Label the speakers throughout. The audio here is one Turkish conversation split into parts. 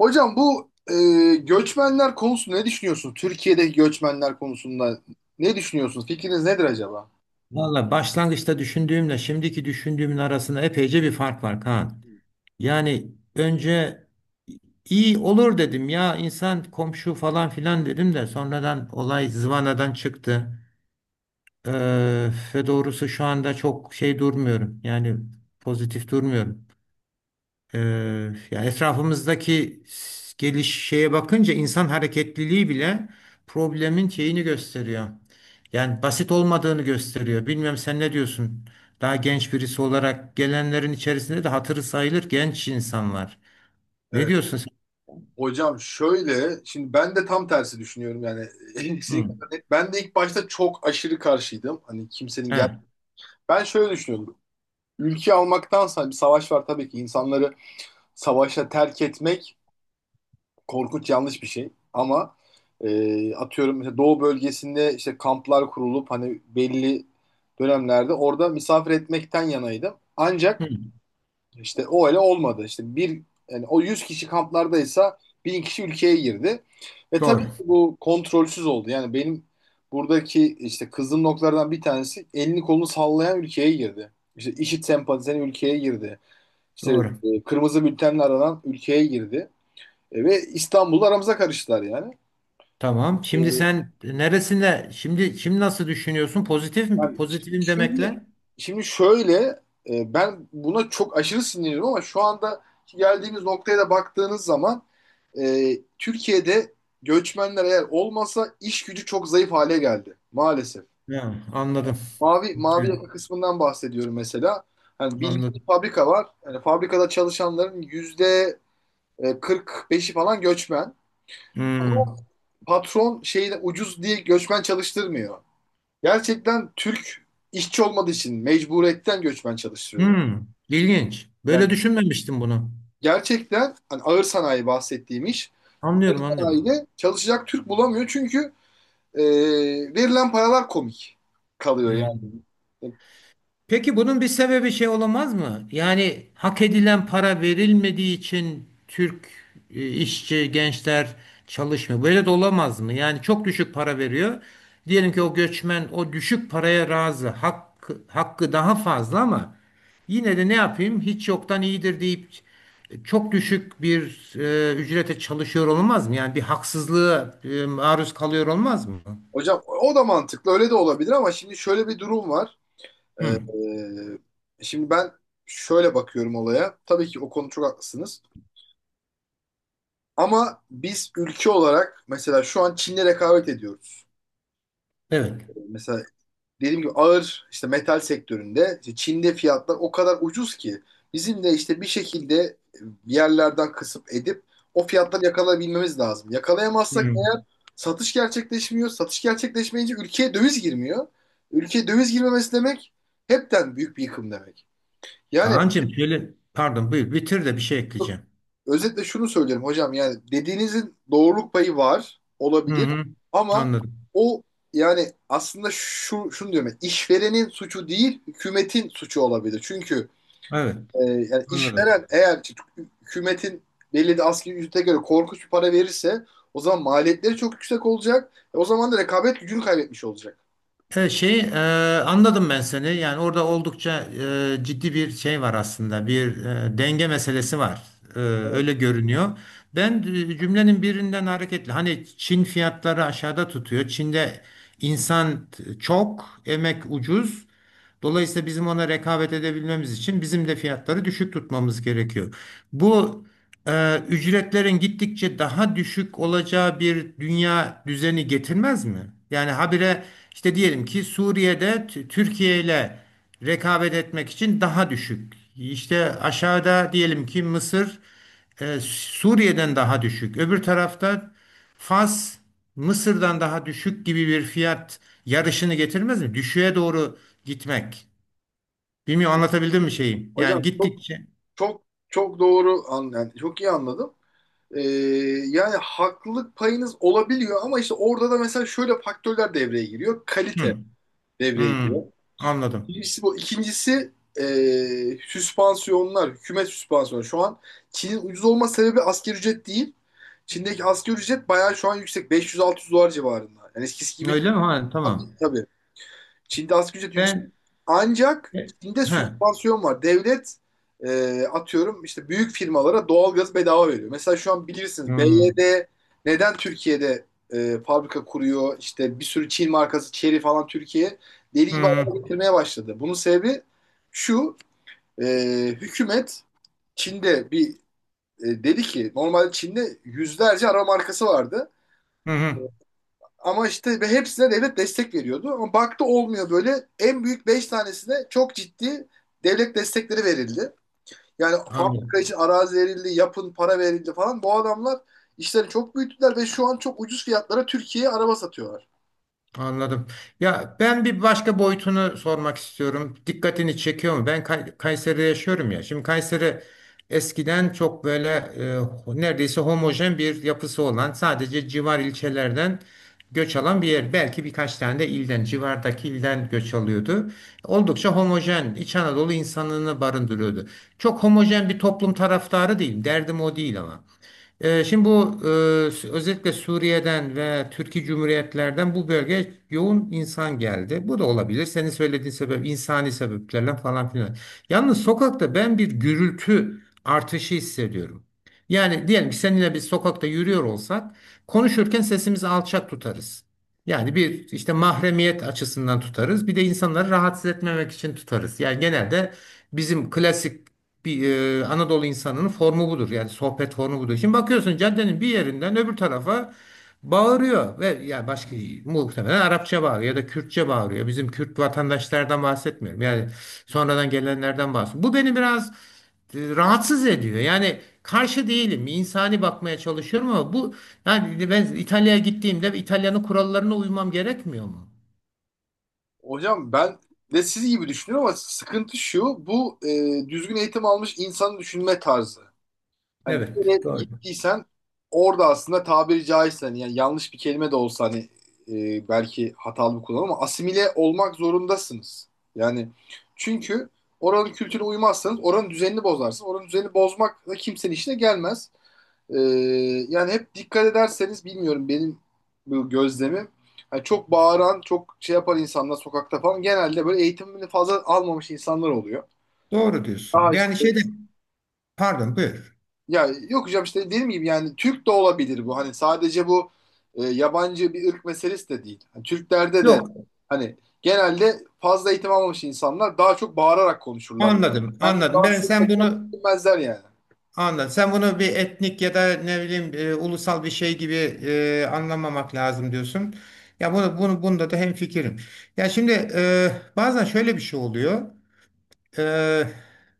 Speaker 1: Hocam göçmenler konusunda ne düşünüyorsunuz? Türkiye'deki göçmenler konusunda ne düşünüyorsunuz? Fikriniz nedir acaba?
Speaker 2: Valla başlangıçta düşündüğümle şimdiki düşündüğümün arasında epeyce bir fark var Kaan. Yani önce iyi olur dedim ya, insan komşu falan filan dedim de sonradan olay zıvanadan çıktı. Ee, Ve doğrusu şu anda çok şey durmuyorum, yani pozitif durmuyorum. Ee, Yani etrafımızdaki geliş şeye bakınca insan hareketliliği bile problemin şeyini gösteriyor. Yani basit olmadığını gösteriyor. Bilmiyorum, sen ne diyorsun? Daha genç birisi olarak gelenlerin içerisinde de hatırı sayılır genç insanlar. Ne
Speaker 1: Evet.
Speaker 2: diyorsun sen?
Speaker 1: Hocam şöyle, şimdi ben de tam tersi düşünüyorum yani.
Speaker 2: Hı.
Speaker 1: Kesinlikle. Ben de ilk başta çok aşırı karşıydım. Hani kimsenin gel.
Speaker 2: He.
Speaker 1: Ben şöyle düşünüyordum. Ülke almaktansa bir savaş var tabii ki. İnsanları savaşa terk etmek korkunç yanlış bir şey ama atıyorum mesela doğu bölgesinde işte kamplar kurulup hani belli dönemlerde orada misafir etmekten yanaydım. Ancak
Speaker 2: Hı.
Speaker 1: işte o öyle olmadı. İşte bir yani o 100 kişi kamplardaysa 1000 kişi ülkeye girdi. Ve tabii
Speaker 2: Doğru.
Speaker 1: ki bu kontrolsüz oldu. Yani benim buradaki işte kızdığım noktalardan bir tanesi elini kolunu sallayan ülkeye girdi. İşte IŞİD sempatizanı ülkeye girdi. İşte
Speaker 2: Doğru.
Speaker 1: Kırmızı bültenle aranan ülkeye girdi. Ve İstanbul'da aramıza karıştılar yani.
Speaker 2: Tamam. Şimdi
Speaker 1: E,
Speaker 2: sen neresinde, şimdi şimdi nasıl düşünüyorsun? Pozitif mi?
Speaker 1: yani
Speaker 2: Pozitifim
Speaker 1: şimdi,
Speaker 2: demekle?
Speaker 1: şimdi şöyle Ben buna çok aşırı sinirliyim ama şu anda geldiğimiz noktaya da baktığınız zaman e, Türkiye'de göçmenler eğer olmasa iş gücü çok zayıf hale geldi maalesef.
Speaker 2: He, anladım.
Speaker 1: Mavi
Speaker 2: He,
Speaker 1: yaka kısmından bahsediyorum mesela. Hani bildiğin
Speaker 2: anladım.
Speaker 1: fabrika var. Yani fabrikada çalışanların yüzde 45'i falan göçmen. Ama
Speaker 2: Hmm.
Speaker 1: patron şeyi ucuz diye göçmen çalıştırmıyor. Gerçekten Türk işçi olmadığı için mecburiyetten göçmen çalıştırıyor yani.
Speaker 2: Hmm, ilginç. Böyle
Speaker 1: Yani
Speaker 2: düşünmemiştim bunu.
Speaker 1: gerçekten hani ağır sanayi bahsettiğim iş ağır
Speaker 2: Anlıyorum, anlıyorum.
Speaker 1: sanayide çalışacak Türk bulamıyor çünkü e, verilen paralar komik kalıyor yani.
Speaker 2: Hmm. Peki bunun bir sebebi şey olamaz mı? Yani hak edilen para verilmediği için Türk, işçi, gençler çalışmıyor. Böyle de olamaz mı? Yani çok düşük para veriyor. Diyelim ki o göçmen o düşük paraya razı. Hakkı, hakkı daha fazla ama yine de ne yapayım? Hiç yoktan iyidir deyip çok düşük bir ücrete çalışıyor olmaz mı? Yani bir haksızlığa maruz kalıyor olmaz mı?
Speaker 1: Hocam o da mantıklı öyle de olabilir ama şimdi şöyle bir durum var. E,
Speaker 2: Hı,
Speaker 1: Şimdi ben şöyle bakıyorum olaya. Tabii ki o konu çok haklısınız. Ama biz ülke olarak mesela şu an Çin'le rekabet ediyoruz.
Speaker 2: evet.
Speaker 1: Mesela dediğim gibi ağır işte metal sektöründe işte Çin'de fiyatlar o kadar ucuz ki bizim de işte bir şekilde bir yerlerden kısıp edip o fiyatları yakalayabilmemiz lazım. Yakalayamazsak eğer
Speaker 2: Hmm.
Speaker 1: satış gerçekleşmiyor. Satış gerçekleşmeyince ülkeye döviz girmiyor. Ülkeye döviz girmemesi demek hepten büyük bir yıkım demek. Yani
Speaker 2: Kaan'cığım şöyle, pardon buyur bitir de bir şey ekleyeceğim.
Speaker 1: özetle şunu söylerim hocam yani dediğinizin doğruluk payı var
Speaker 2: Hı
Speaker 1: olabilir
Speaker 2: hı.
Speaker 1: ama
Speaker 2: Anladım.
Speaker 1: o yani aslında şunu diyorum ben, işverenin suçu değil hükümetin suçu olabilir. Çünkü
Speaker 2: Evet,
Speaker 1: yani
Speaker 2: anladım.
Speaker 1: işveren eğer ki hükümetin belli de asgari ücrete göre korkunç bir para verirse o zaman maliyetleri çok yüksek olacak. E, o zaman da rekabet gücünü kaybetmiş olacak.
Speaker 2: Evet, şey anladım ben seni. Yani orada oldukça ciddi bir şey var aslında. Bir denge meselesi var. E,
Speaker 1: Evet.
Speaker 2: öyle görünüyor. Ben cümlenin birinden hareketle, hani Çin fiyatları aşağıda tutuyor. Çin'de insan çok, emek ucuz. Dolayısıyla bizim ona rekabet edebilmemiz için bizim de fiyatları düşük tutmamız gerekiyor. Bu ücretlerin gittikçe daha düşük olacağı bir dünya düzeni getirmez mi? Yani habire işte, diyelim ki Suriye'de Türkiye ile rekabet etmek için daha düşük. İşte aşağıda diyelim ki Mısır Suriye'den daha düşük. Öbür tarafta Fas Mısır'dan daha düşük gibi bir fiyat yarışını getirmez mi? Düşüğe doğru gitmek. Bilmiyorum, anlatabildim mi şeyi?
Speaker 1: Hocam
Speaker 2: Yani
Speaker 1: çok
Speaker 2: gittikçe.
Speaker 1: çok çok doğru an yani çok iyi anladım. Ee, Yani haklılık payınız olabiliyor ama işte orada da mesela şöyle faktörler devreye giriyor. Kalite
Speaker 2: Hı,
Speaker 1: devreye
Speaker 2: hı,
Speaker 1: giriyor.
Speaker 2: anladım.
Speaker 1: Birincisi bu. İkincisi süspansiyonlar, hükümet süspansiyonu. Şu an Çin'in ucuz olma sebebi asgari ücret değil. Çin'deki asgari ücret bayağı şu an yüksek. 500-600 dolar civarında. Yani eskisi gibi
Speaker 2: Öyle mi? Ha, tamam.
Speaker 1: çok- tabii. Çin'de asgari ücret yüksek.
Speaker 2: Ben
Speaker 1: Ancak
Speaker 2: he,
Speaker 1: Çin'de sübvansiyon var. Devlet atıyorum işte büyük firmalara doğalgaz bedava veriyor. Mesela şu an bilirsiniz
Speaker 2: hı,
Speaker 1: BYD neden Türkiye'de fabrika kuruyor? İşte bir sürü Çin markası Chery falan Türkiye deli gibi
Speaker 2: hı,
Speaker 1: araba getirmeye başladı. Bunun sebebi şu e, Hükümet Çin'de dedi ki normalde Çin'de yüzlerce araba markası vardı.
Speaker 2: hı, hı,
Speaker 1: Ama işte ve hepsine devlet destek veriyordu. Ama baktı olmuyor böyle. En büyük 5 tanesine çok ciddi devlet destekleri verildi. Yani
Speaker 2: anladım.
Speaker 1: fabrika için arazi verildi, yapın para verildi falan. Bu adamlar işleri çok büyüttüler ve şu an çok ucuz fiyatlara Türkiye'ye araba satıyorlar.
Speaker 2: Anladım. Ya ben bir başka boyutunu sormak istiyorum. Dikkatini çekiyor mu? Ben Kayseri'de yaşıyorum ya. Şimdi Kayseri eskiden çok böyle neredeyse homojen bir yapısı olan, sadece civar ilçelerden göç alan bir yer. Belki birkaç tane de ilden, civardaki ilden göç alıyordu. Oldukça homojen, İç Anadolu insanını barındırıyordu. Çok homojen bir toplum taraftarı değilim. Derdim o değil ama. Şimdi bu özellikle Suriye'den ve Türkiye Cumhuriyetlerden bu bölgeye yoğun insan geldi. Bu da olabilir. Senin söylediğin sebep insani sebeplerle falan filan. Yalnız sokakta ben bir gürültü artışı hissediyorum. Yani diyelim ki seninle biz sokakta yürüyor olsak, konuşurken sesimizi alçak tutarız. Yani bir işte mahremiyet açısından tutarız. Bir de insanları rahatsız etmemek için tutarız. Yani genelde bizim klasik bir Anadolu insanının formu budur. Yani sohbet formu budur. Şimdi bakıyorsun caddenin bir yerinden öbür tarafa bağırıyor ve ya başka, muhtemelen Arapça bağırıyor ya da Kürtçe bağırıyor. Bizim Kürt vatandaşlardan bahsetmiyorum. Yani sonradan gelenlerden bahsediyorum. Bu beni biraz rahatsız ediyor. Yani karşı değilim. İnsani bakmaya çalışıyorum ama bu, yani ben İtalya'ya gittiğimde İtalya'nın kurallarına uymam gerekmiyor mu?
Speaker 1: Hocam ben de siz gibi düşünüyorum ama sıkıntı şu, düzgün eğitim almış insanı düşünme tarzı. Hani bir
Speaker 2: Evet.
Speaker 1: yere
Speaker 2: Doğru.
Speaker 1: gittiysen orada aslında tabiri caizse hani yani yanlış bir kelime de olsa hani belki hatalı bir kullanım ama asimile olmak zorundasınız. Yani çünkü oranın kültürüne uymazsanız oranın düzenini bozarsınız. Oranın düzenini bozmak da kimsenin işine gelmez. E, Yani hep dikkat ederseniz bilmiyorum benim bu gözlemim. Hani çok bağıran, çok şey yapan insanlar sokakta falan genelde böyle eğitimini fazla almamış insanlar oluyor.
Speaker 2: Doğru
Speaker 1: Daha
Speaker 2: diyorsun.
Speaker 1: işte
Speaker 2: Yani şeyde pardon buyur.
Speaker 1: ya yok hocam işte dediğim gibi yani Türk de olabilir bu. Hani sadece yabancı bir ırk meselesi de değil. Hani Türklerde de
Speaker 2: Yok.
Speaker 1: hani genelde fazla eğitim almamış insanlar daha çok bağırarak konuşurlar.
Speaker 2: Anladım,
Speaker 1: Kendini
Speaker 2: anladım. Ben
Speaker 1: rahatsız
Speaker 2: sen
Speaker 1: etmekten
Speaker 2: bunu
Speaker 1: çekinmezler yani.
Speaker 2: anladım. Sen bunu bir etnik ya da ne bileyim ulusal bir şey gibi anlamamak lazım diyorsun. Ya bunu bunda da hemfikirim. Ya şimdi bazen şöyle bir şey oluyor. Ee,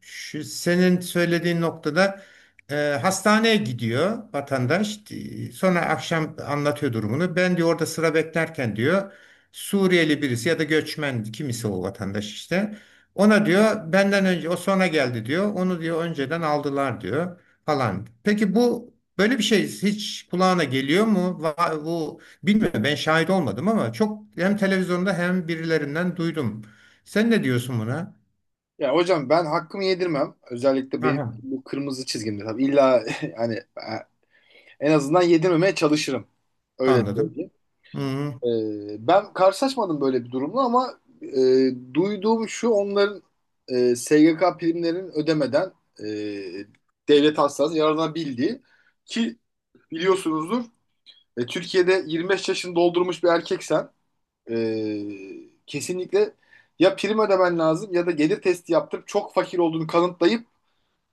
Speaker 2: Şu senin söylediğin noktada e, hastaneye gidiyor vatandaş. Sonra akşam anlatıyor durumunu. Ben diyor orada sıra beklerken diyor, Suriyeli birisi ya da göçmen kimisi o vatandaş işte. Ona diyor benden önce o sonra geldi diyor. Onu diyor önceden aldılar diyor falan. Peki bu böyle bir şey hiç kulağına geliyor mu? Bu bilmiyorum, ben şahit olmadım ama çok hem televizyonda hem birilerinden duydum. Sen ne diyorsun buna?
Speaker 1: Ya hocam ben hakkımı yedirmem. Özellikle benim
Speaker 2: Aha.
Speaker 1: bu kırmızı çizgimde tabii. illa hani en azından yedirmemeye çalışırım. Öyle
Speaker 2: Anladım.
Speaker 1: söyleyeyim.
Speaker 2: Hı-hı.
Speaker 1: Ben karşılaşmadım böyle bir durumla ama duyduğum şu onların SGK primlerini ödemeden e, devlet hastanesi yararlanabildiği ki biliyorsunuzdur Türkiye'de 25 yaşını doldurmuş bir erkeksen kesinlikle ya prim ödemen lazım ya da gelir testi yaptırıp çok fakir olduğunu kanıtlayıp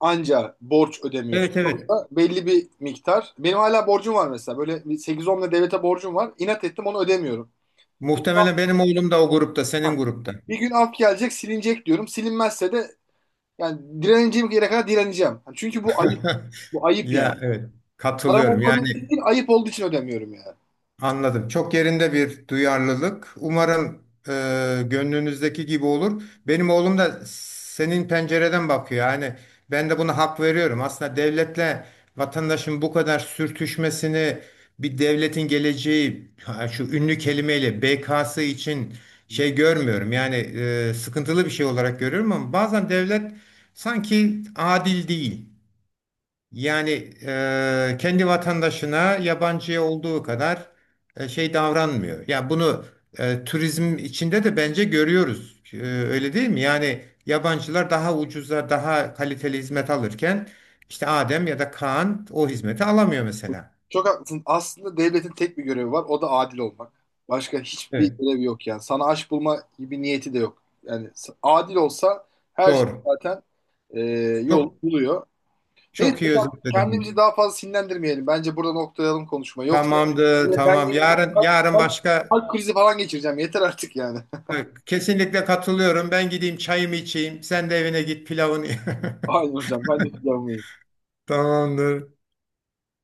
Speaker 1: anca borç ödemiyorsun.
Speaker 2: Evet evet.
Speaker 1: Yoksa belli bir miktar. Benim hala borcum var mesela. Böyle bir 8-10 lira devlete borcum var. İnat ettim onu ödemiyorum. Bir
Speaker 2: Muhtemelen benim oğlum da o grupta,
Speaker 1: ha,
Speaker 2: senin grupta.
Speaker 1: bir gün af gelecek, silinecek diyorum. Silinmezse de yani direneceğim yere kadar direneceğim. Ha, çünkü bu ayıp. Bu ayıp yani.
Speaker 2: Ya evet.
Speaker 1: Param
Speaker 2: Katılıyorum.
Speaker 1: olmadığı için
Speaker 2: Yani
Speaker 1: değil, ayıp olduğu için ödemiyorum yani.
Speaker 2: anladım. Çok yerinde bir duyarlılık. Umarım e, gönlünüzdeki gibi olur. Benim oğlum da senin pencereden bakıyor. Yani ben de buna hak veriyorum. Aslında devletle vatandaşın bu kadar sürtüşmesini bir devletin geleceği ha, şu ünlü kelimeyle BK'sı için şey görmüyorum. Yani sıkıntılı bir şey olarak görüyorum ama bazen devlet sanki adil değil. Yani kendi vatandaşına yabancıya olduğu kadar şey davranmıyor. Ya bunu turizm içinde de bence görüyoruz. E, öyle değil mi? Yani yabancılar daha ucuza, daha kaliteli hizmet alırken işte Adem ya da Kaan o hizmeti alamıyor mesela.
Speaker 1: Çok haklısın. Aslında devletin tek bir görevi var. O da adil olmak. Başka hiçbir
Speaker 2: Evet.
Speaker 1: görevi yok yani. Sana aş bulma gibi niyeti de yok. Yani s- adil olsa her şey
Speaker 2: Doğru.
Speaker 1: zaten e, yol
Speaker 2: Çok
Speaker 1: buluyor. Neyse
Speaker 2: çok iyi
Speaker 1: hocam
Speaker 2: özetledim
Speaker 1: kendimizi
Speaker 2: bunu.
Speaker 1: daha fazla sinirlendirmeyelim. Bence burada noktalayalım konuşma. Yoksa
Speaker 2: Tamamdır,
Speaker 1: yine ben
Speaker 2: tamam.
Speaker 1: yarın
Speaker 2: Yarın yarın başka
Speaker 1: kalp krizi falan geçireceğim. Yeter artık yani.
Speaker 2: kesinlikle katılıyorum. Ben gideyim çayımı içeyim. Sen de evine git pilavını.
Speaker 1: Aynen hocam ben de planımı
Speaker 2: Tamamdır.